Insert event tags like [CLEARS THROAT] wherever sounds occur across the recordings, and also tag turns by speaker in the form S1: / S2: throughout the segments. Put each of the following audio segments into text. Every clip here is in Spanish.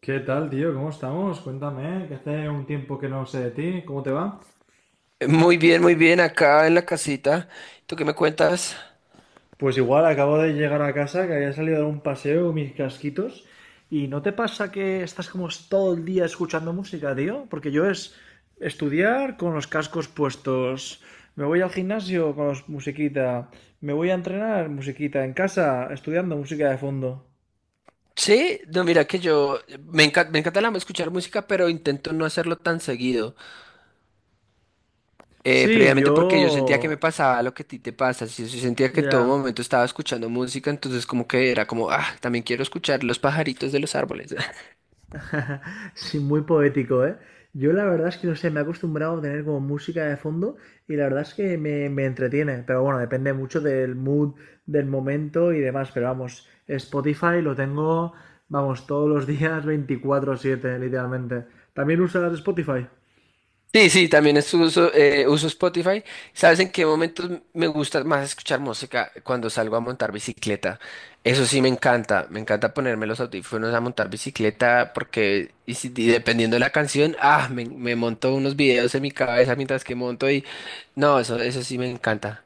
S1: ¿Qué tal, tío? ¿Cómo estamos? Cuéntame, que hace un tiempo que no sé de ti, ¿cómo te va?
S2: Muy bien, acá en la casita. ¿Tú qué me cuentas?
S1: Pues igual acabo de llegar a casa, que había salido a dar un paseo con mis casquitos. ¿Y no te pasa que estás como todo el día escuchando música, tío? Porque yo es estudiar con los cascos puestos. Me voy al gimnasio con musiquita. Me voy a entrenar, musiquita. En casa, estudiando música de fondo.
S2: Sí, no, mira que yo me encanta escuchar música, pero intento no hacerlo tan seguido.
S1: Sí,
S2: Previamente porque yo sentía que me
S1: yo...
S2: pasaba lo que a ti te pasa. Sí, sí, sentía que en todo
S1: Ya.
S2: momento estaba escuchando música, entonces como que era como, también quiero escuchar los pajaritos de los árboles.
S1: [LAUGHS] Sí, muy poético, ¿eh? Yo la verdad es que no sé, me he acostumbrado a tener como música de fondo y la verdad es que me entretiene, pero bueno, depende mucho del mood, del momento y demás, pero vamos, Spotify lo tengo, vamos, todos los [LAUGHS] días 24/7 literalmente. ¿También usas Spotify?
S2: Sí, sí, también uso Spotify. ¿Sabes en qué momentos me gusta más escuchar música? Cuando salgo a montar bicicleta. Eso sí me encanta. Me encanta ponerme los audífonos a montar bicicleta porque y si- y dependiendo de la canción, me monto unos videos en mi cabeza mientras que monto y no, eso sí me encanta.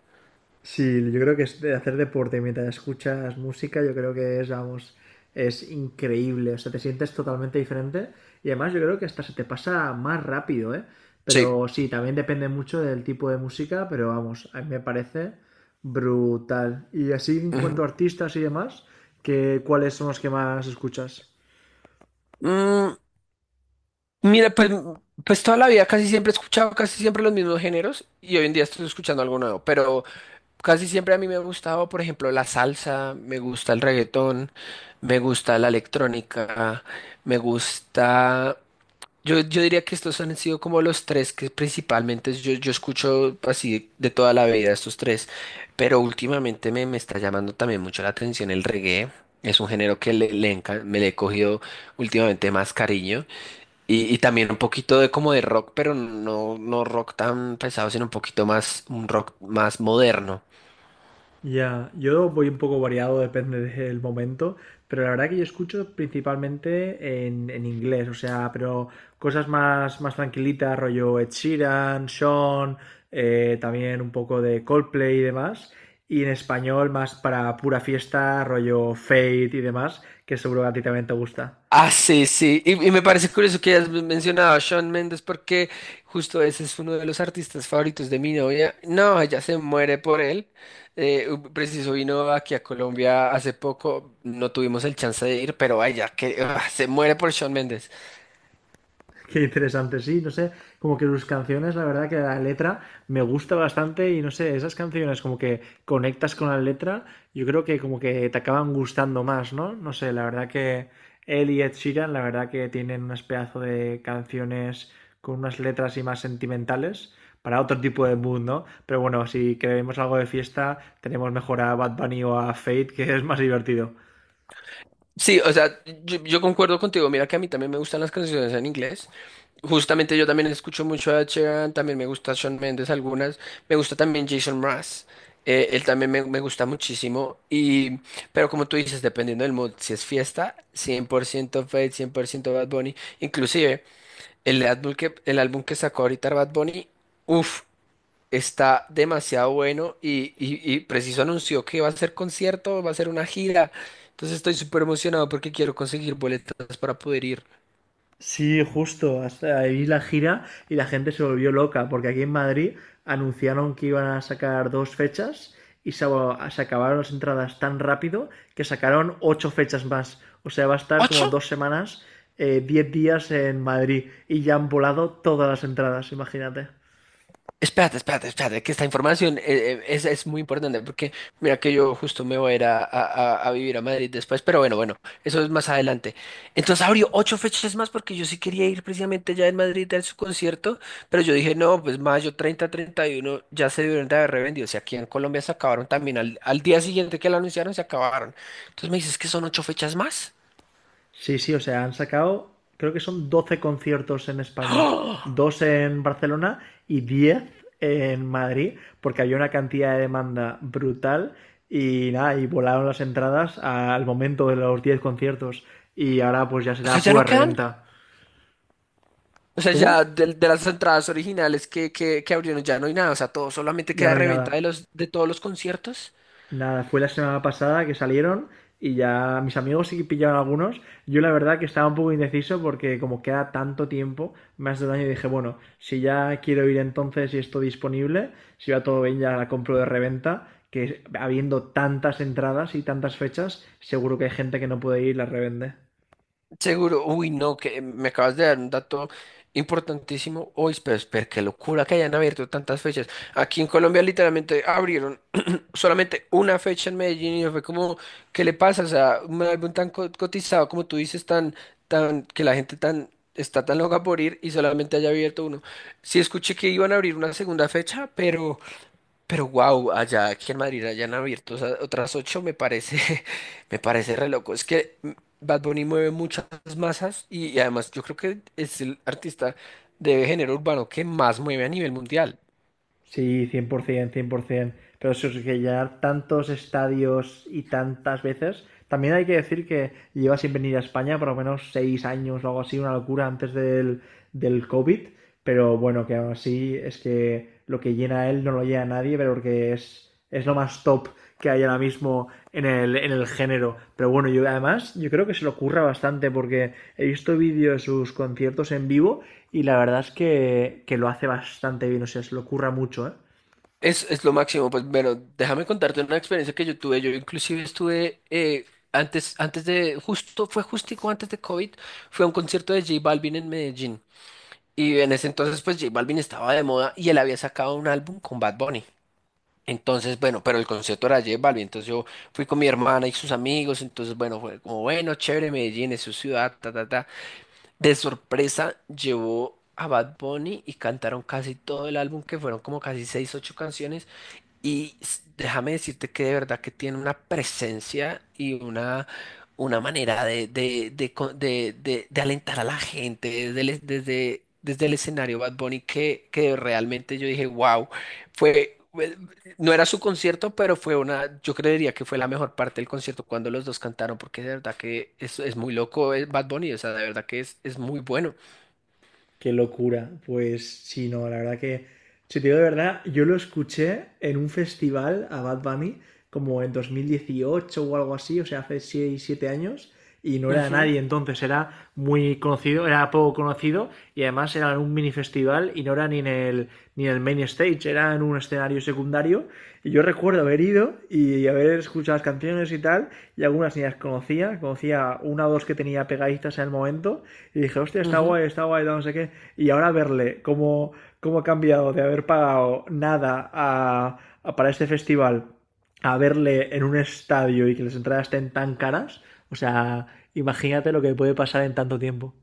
S1: Sí, yo creo que es de hacer deporte mientras escuchas música, yo creo que es, vamos, es increíble. O sea, te sientes totalmente diferente y además yo creo que hasta se te pasa más rápido, ¿eh?
S2: Sí.
S1: Pero sí, también depende mucho del tipo de música, pero vamos, a mí me parece brutal. Y así en
S2: Ujú.
S1: cuanto a artistas y demás, ¿qué ¿cuáles son los que más escuchas?
S2: Mm, Mira, pues, toda la vida casi siempre he escuchado casi siempre los mismos géneros y hoy en día estoy escuchando algo nuevo, pero casi siempre a mí me ha gustado, por ejemplo, la salsa, me gusta el reggaetón, me gusta la electrónica, me gusta... Yo diría que estos han sido como los tres que principalmente yo escucho así de toda la vida estos tres, pero últimamente me está llamando también mucho la atención el reggae, es un género que me le he cogido últimamente más cariño. Y también un poquito de como de rock, pero no, no rock tan pesado, sino un poquito más, un rock más moderno.
S1: Ya, yo voy un poco variado, depende del momento, pero la verdad que yo escucho principalmente en inglés, o sea, pero cosas más, más tranquilitas, rollo Ed Sheeran, Sean, también un poco de Coldplay y demás, y en español más para pura fiesta, rollo Fate y demás, que seguro que a ti también te gusta.
S2: Ah, sí, sí. Y me parece curioso que hayas mencionado a Shawn Mendes porque justo ese es uno de los artistas favoritos de mi novia. No, ella se muere por él. Preciso vino aquí a Colombia hace poco. No tuvimos el chance de ir, pero ella que, se muere por Shawn Mendes.
S1: [LAUGHS] Qué interesante, sí, no sé, como que sus canciones, la verdad que la letra me gusta bastante y no sé, esas canciones como que conectas con la letra, yo creo que como que te acaban gustando más, ¿no? No sé, la verdad que él y Ed Sheeran, la verdad que tienen unas pedazo de canciones con unas letras y más sentimentales para otro tipo de mood, ¿no? Pero bueno, si queremos algo de fiesta, tenemos mejor a Bad Bunny o a Fate, que es más divertido.
S2: Sí, o sea, yo concuerdo contigo. Mira que a mí también me gustan las canciones en inglés. Justamente yo también escucho mucho a Ed Sheeran, también me gusta Shawn Mendes algunas. Me gusta también Jason Mraz. Él también me gusta muchísimo. Pero como tú dices, dependiendo del mood, si es fiesta, 100% Fate, 100% Bad Bunny. Inclusive, el álbum que sacó ahorita Bad Bunny, uff, está demasiado bueno y preciso anunció que va a ser concierto, va a ser una gira. Entonces estoy súper emocionado porque quiero conseguir boletas para poder ir.
S1: Sí, justo, hasta ahí la gira y la gente se volvió loca, porque aquí en Madrid anunciaron que iban a sacar dos fechas y se acabaron las entradas tan rápido que sacaron 8 fechas más. O sea, va a estar
S2: ¿Ocho?
S1: como dos semanas, 10 días en Madrid y ya han volado todas las entradas, imagínate.
S2: Espérate, espérate, espérate, que esta información es muy importante porque mira que yo justo me voy a ir a vivir a Madrid después, pero bueno, bueno, eso es más adelante. Entonces abrió 8 fechas más porque yo sí quería ir precisamente ya en Madrid a su concierto, pero yo dije, no, pues mayo 30, 31 ya se dieron de haber revendido, o sea, aquí en Colombia se acabaron también, al día siguiente que lo anunciaron se acabaron. Entonces me dices que son 8 fechas más,
S1: Sí, sí, o sea, han sacado, creo que son 12 conciertos en España, dos en Barcelona y 10 en Madrid, porque había una cantidad de demanda brutal y nada, y volaron las entradas al momento de los 10 conciertos y ahora pues ya
S2: o sea,
S1: será
S2: ya
S1: pura
S2: no quedan.
S1: reventa.
S2: O sea,
S1: ¿Cómo?
S2: ya de las entradas originales que abrieron ya no hay nada. O sea, todo solamente
S1: Ya
S2: queda
S1: no hay
S2: reventa
S1: nada.
S2: de todos los conciertos.
S1: Nada, fue la semana pasada que salieron y ya mis amigos sí que pillaron algunos. Yo la verdad que estaba un poco indeciso porque como queda tanto tiempo, más de un año, dije, bueno, si ya quiero ir entonces y esto disponible, si va todo bien ya la compro de reventa, que habiendo tantas entradas y tantas fechas, seguro que hay gente que no puede ir y la revende.
S2: Seguro. Uy, no, que me acabas de dar un dato importantísimo. Uy, pero qué locura que hayan abierto tantas fechas. Aquí en Colombia literalmente abrieron [CLEARS THROAT] solamente una fecha en Medellín y no fue como, ¿qué le pasa? O sea, un álbum tan cotizado como tú dices, tan, que la gente tan está tan loca por ir y solamente haya abierto uno. Sí escuché que iban a abrir una segunda fecha, pero... Pero wow, allá aquí en Madrid hayan abierto otras 8 me parece, [LAUGHS] me parece re loco. Es que Bad Bunny mueve muchas masas y además yo creo que es el artista de género urbano que más mueve a nivel mundial.
S1: Sí, cien, por ciento, cien por 100%. Pero eso es que llenar tantos estadios y tantas veces. También hay que decir que lleva sin venir a España por lo menos 6 años o algo así, una locura antes del COVID. Pero bueno, que aún así es que lo que llena él no lo llena nadie, pero porque es lo más top que hay ahora mismo en el género. Pero bueno, yo además, yo creo que se lo curra bastante porque he visto vídeos de sus conciertos en vivo y la verdad es que lo hace bastante bien, o sea, se lo curra mucho, ¿eh?
S2: Es lo máximo, pues bueno, déjame contarte una experiencia que yo tuve. Yo inclusive estuve justo, fue justico antes de COVID, fue a un concierto de J Balvin en Medellín. Y en ese entonces pues J Balvin estaba de moda y él había sacado un álbum con Bad Bunny. Entonces, bueno, pero el concierto era de J Balvin, entonces yo fui con mi hermana y sus amigos, entonces, bueno, fue como, bueno, chévere, Medellín es su ciudad, ta, ta, ta. De sorpresa llevó a Bad Bunny y cantaron casi todo el álbum, que fueron como casi 6, 8 canciones, y déjame decirte que de verdad que tiene una presencia y una manera de, co- de alentar a la gente desde el escenario Bad Bunny que realmente yo dije, wow, fue, fue- no era su concierto, pero fue yo creería que fue la mejor parte del concierto cuando los dos cantaron, porque de verdad que es muy loco Bad Bunny, o sea, de verdad que es muy bueno.
S1: Qué locura. Pues sí, no, la verdad que, si te digo de verdad, yo lo escuché en un festival a Bad Bunny como en 2018 o algo así, o sea, hace 6 7 años, y no era
S2: Ujú,
S1: nadie entonces, era muy conocido, era poco conocido, y además era en un mini festival y no era ni en el, ni en el main stage, era en un escenario secundario. Y yo recuerdo haber ido y haber escuchado las canciones y tal, y algunas ni las conocía, conocía una o dos que tenía pegaditas en el momento, y dije, hostia,
S2: ujú.
S1: está guay, no sé qué. Y ahora verle cómo, cómo ha cambiado de haber pagado nada para este festival a verle en un estadio y que las entradas estén tan caras. O sea, imagínate lo que puede pasar en tanto tiempo.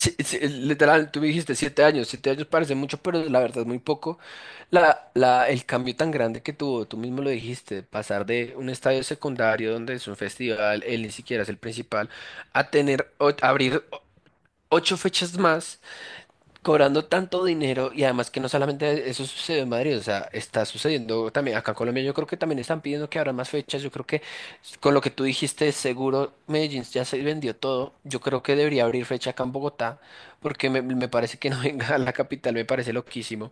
S2: Sí, sí, literal, tú dijiste 7 años, 7 años parece mucho, pero la verdad es muy poco. El cambio tan grande que tuvo, tú mismo lo dijiste, pasar de un estadio secundario donde es un festival, él ni siquiera es el principal, a tener, abrir 8 fechas más cobrando tanto dinero y además que no solamente eso sucedió en Madrid, o sea, está sucediendo también acá en Colombia, yo creo que también están pidiendo que abran más fechas, yo creo que con lo que tú dijiste, seguro Medellín ya se vendió todo, yo creo que debería abrir fecha acá en Bogotá, porque me parece que no [LAUGHS] venga a la capital, me parece loquísimo.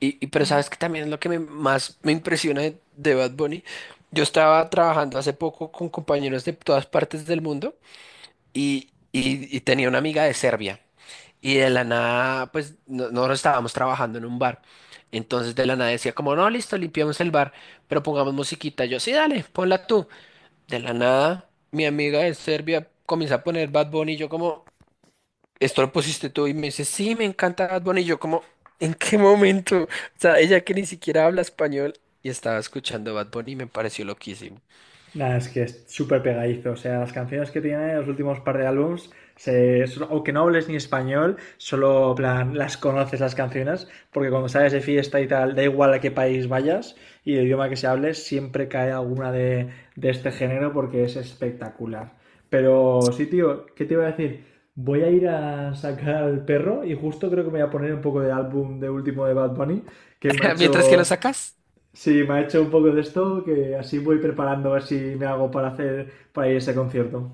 S2: Y pero sabes que también es lo que más me impresiona de Bad Bunny, yo estaba trabajando hace poco con compañeros de todas partes del mundo y tenía una amiga de Serbia. Y de la nada, pues nosotros estábamos trabajando en un bar. Entonces de la nada decía como, no, listo, limpiamos el bar, pero pongamos musiquita. Yo, sí, dale, ponla tú. De la nada, mi amiga de Serbia comienza a poner Bad Bunny y yo como, ¿esto lo pusiste tú? Y me dice, sí, me encanta Bad Bunny. Y yo como, ¿en qué momento? O sea, ella que ni siquiera habla español y estaba escuchando Bad Bunny y me pareció loquísimo.
S1: Nada, es que es súper pegadizo. O sea, las canciones que tiene, los últimos par de álbums, aunque no hables ni español, solo plan, las conoces las canciones, porque cuando sales de fiesta y tal, da igual a qué país vayas y el idioma que se hable, siempre cae alguna de este género porque es espectacular. Pero sí, tío, ¿qué te iba a decir? Voy a ir a sacar al perro y justo creo que me voy a poner un poco de álbum de último de Bad Bunny, que me ha
S2: [LAUGHS] Mientras que lo
S1: hecho
S2: sacas.
S1: Sí, me ha hecho un poco de esto, que así voy preparando a ver si me hago para hacer para ir a ese concierto.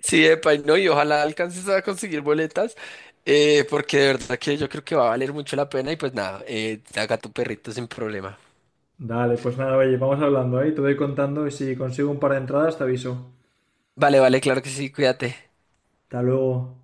S2: Sí, epa, y no, y ojalá alcances a conseguir boletas, porque de verdad que yo creo que va a valer mucho la pena y pues nada, haga tu perrito sin problema.
S1: Dale, pues nada, oye, vamos hablando, ¿eh? Te voy contando y si consigo un par de entradas te aviso.
S2: Vale, vale, claro que sí, cuídate.
S1: Hasta luego.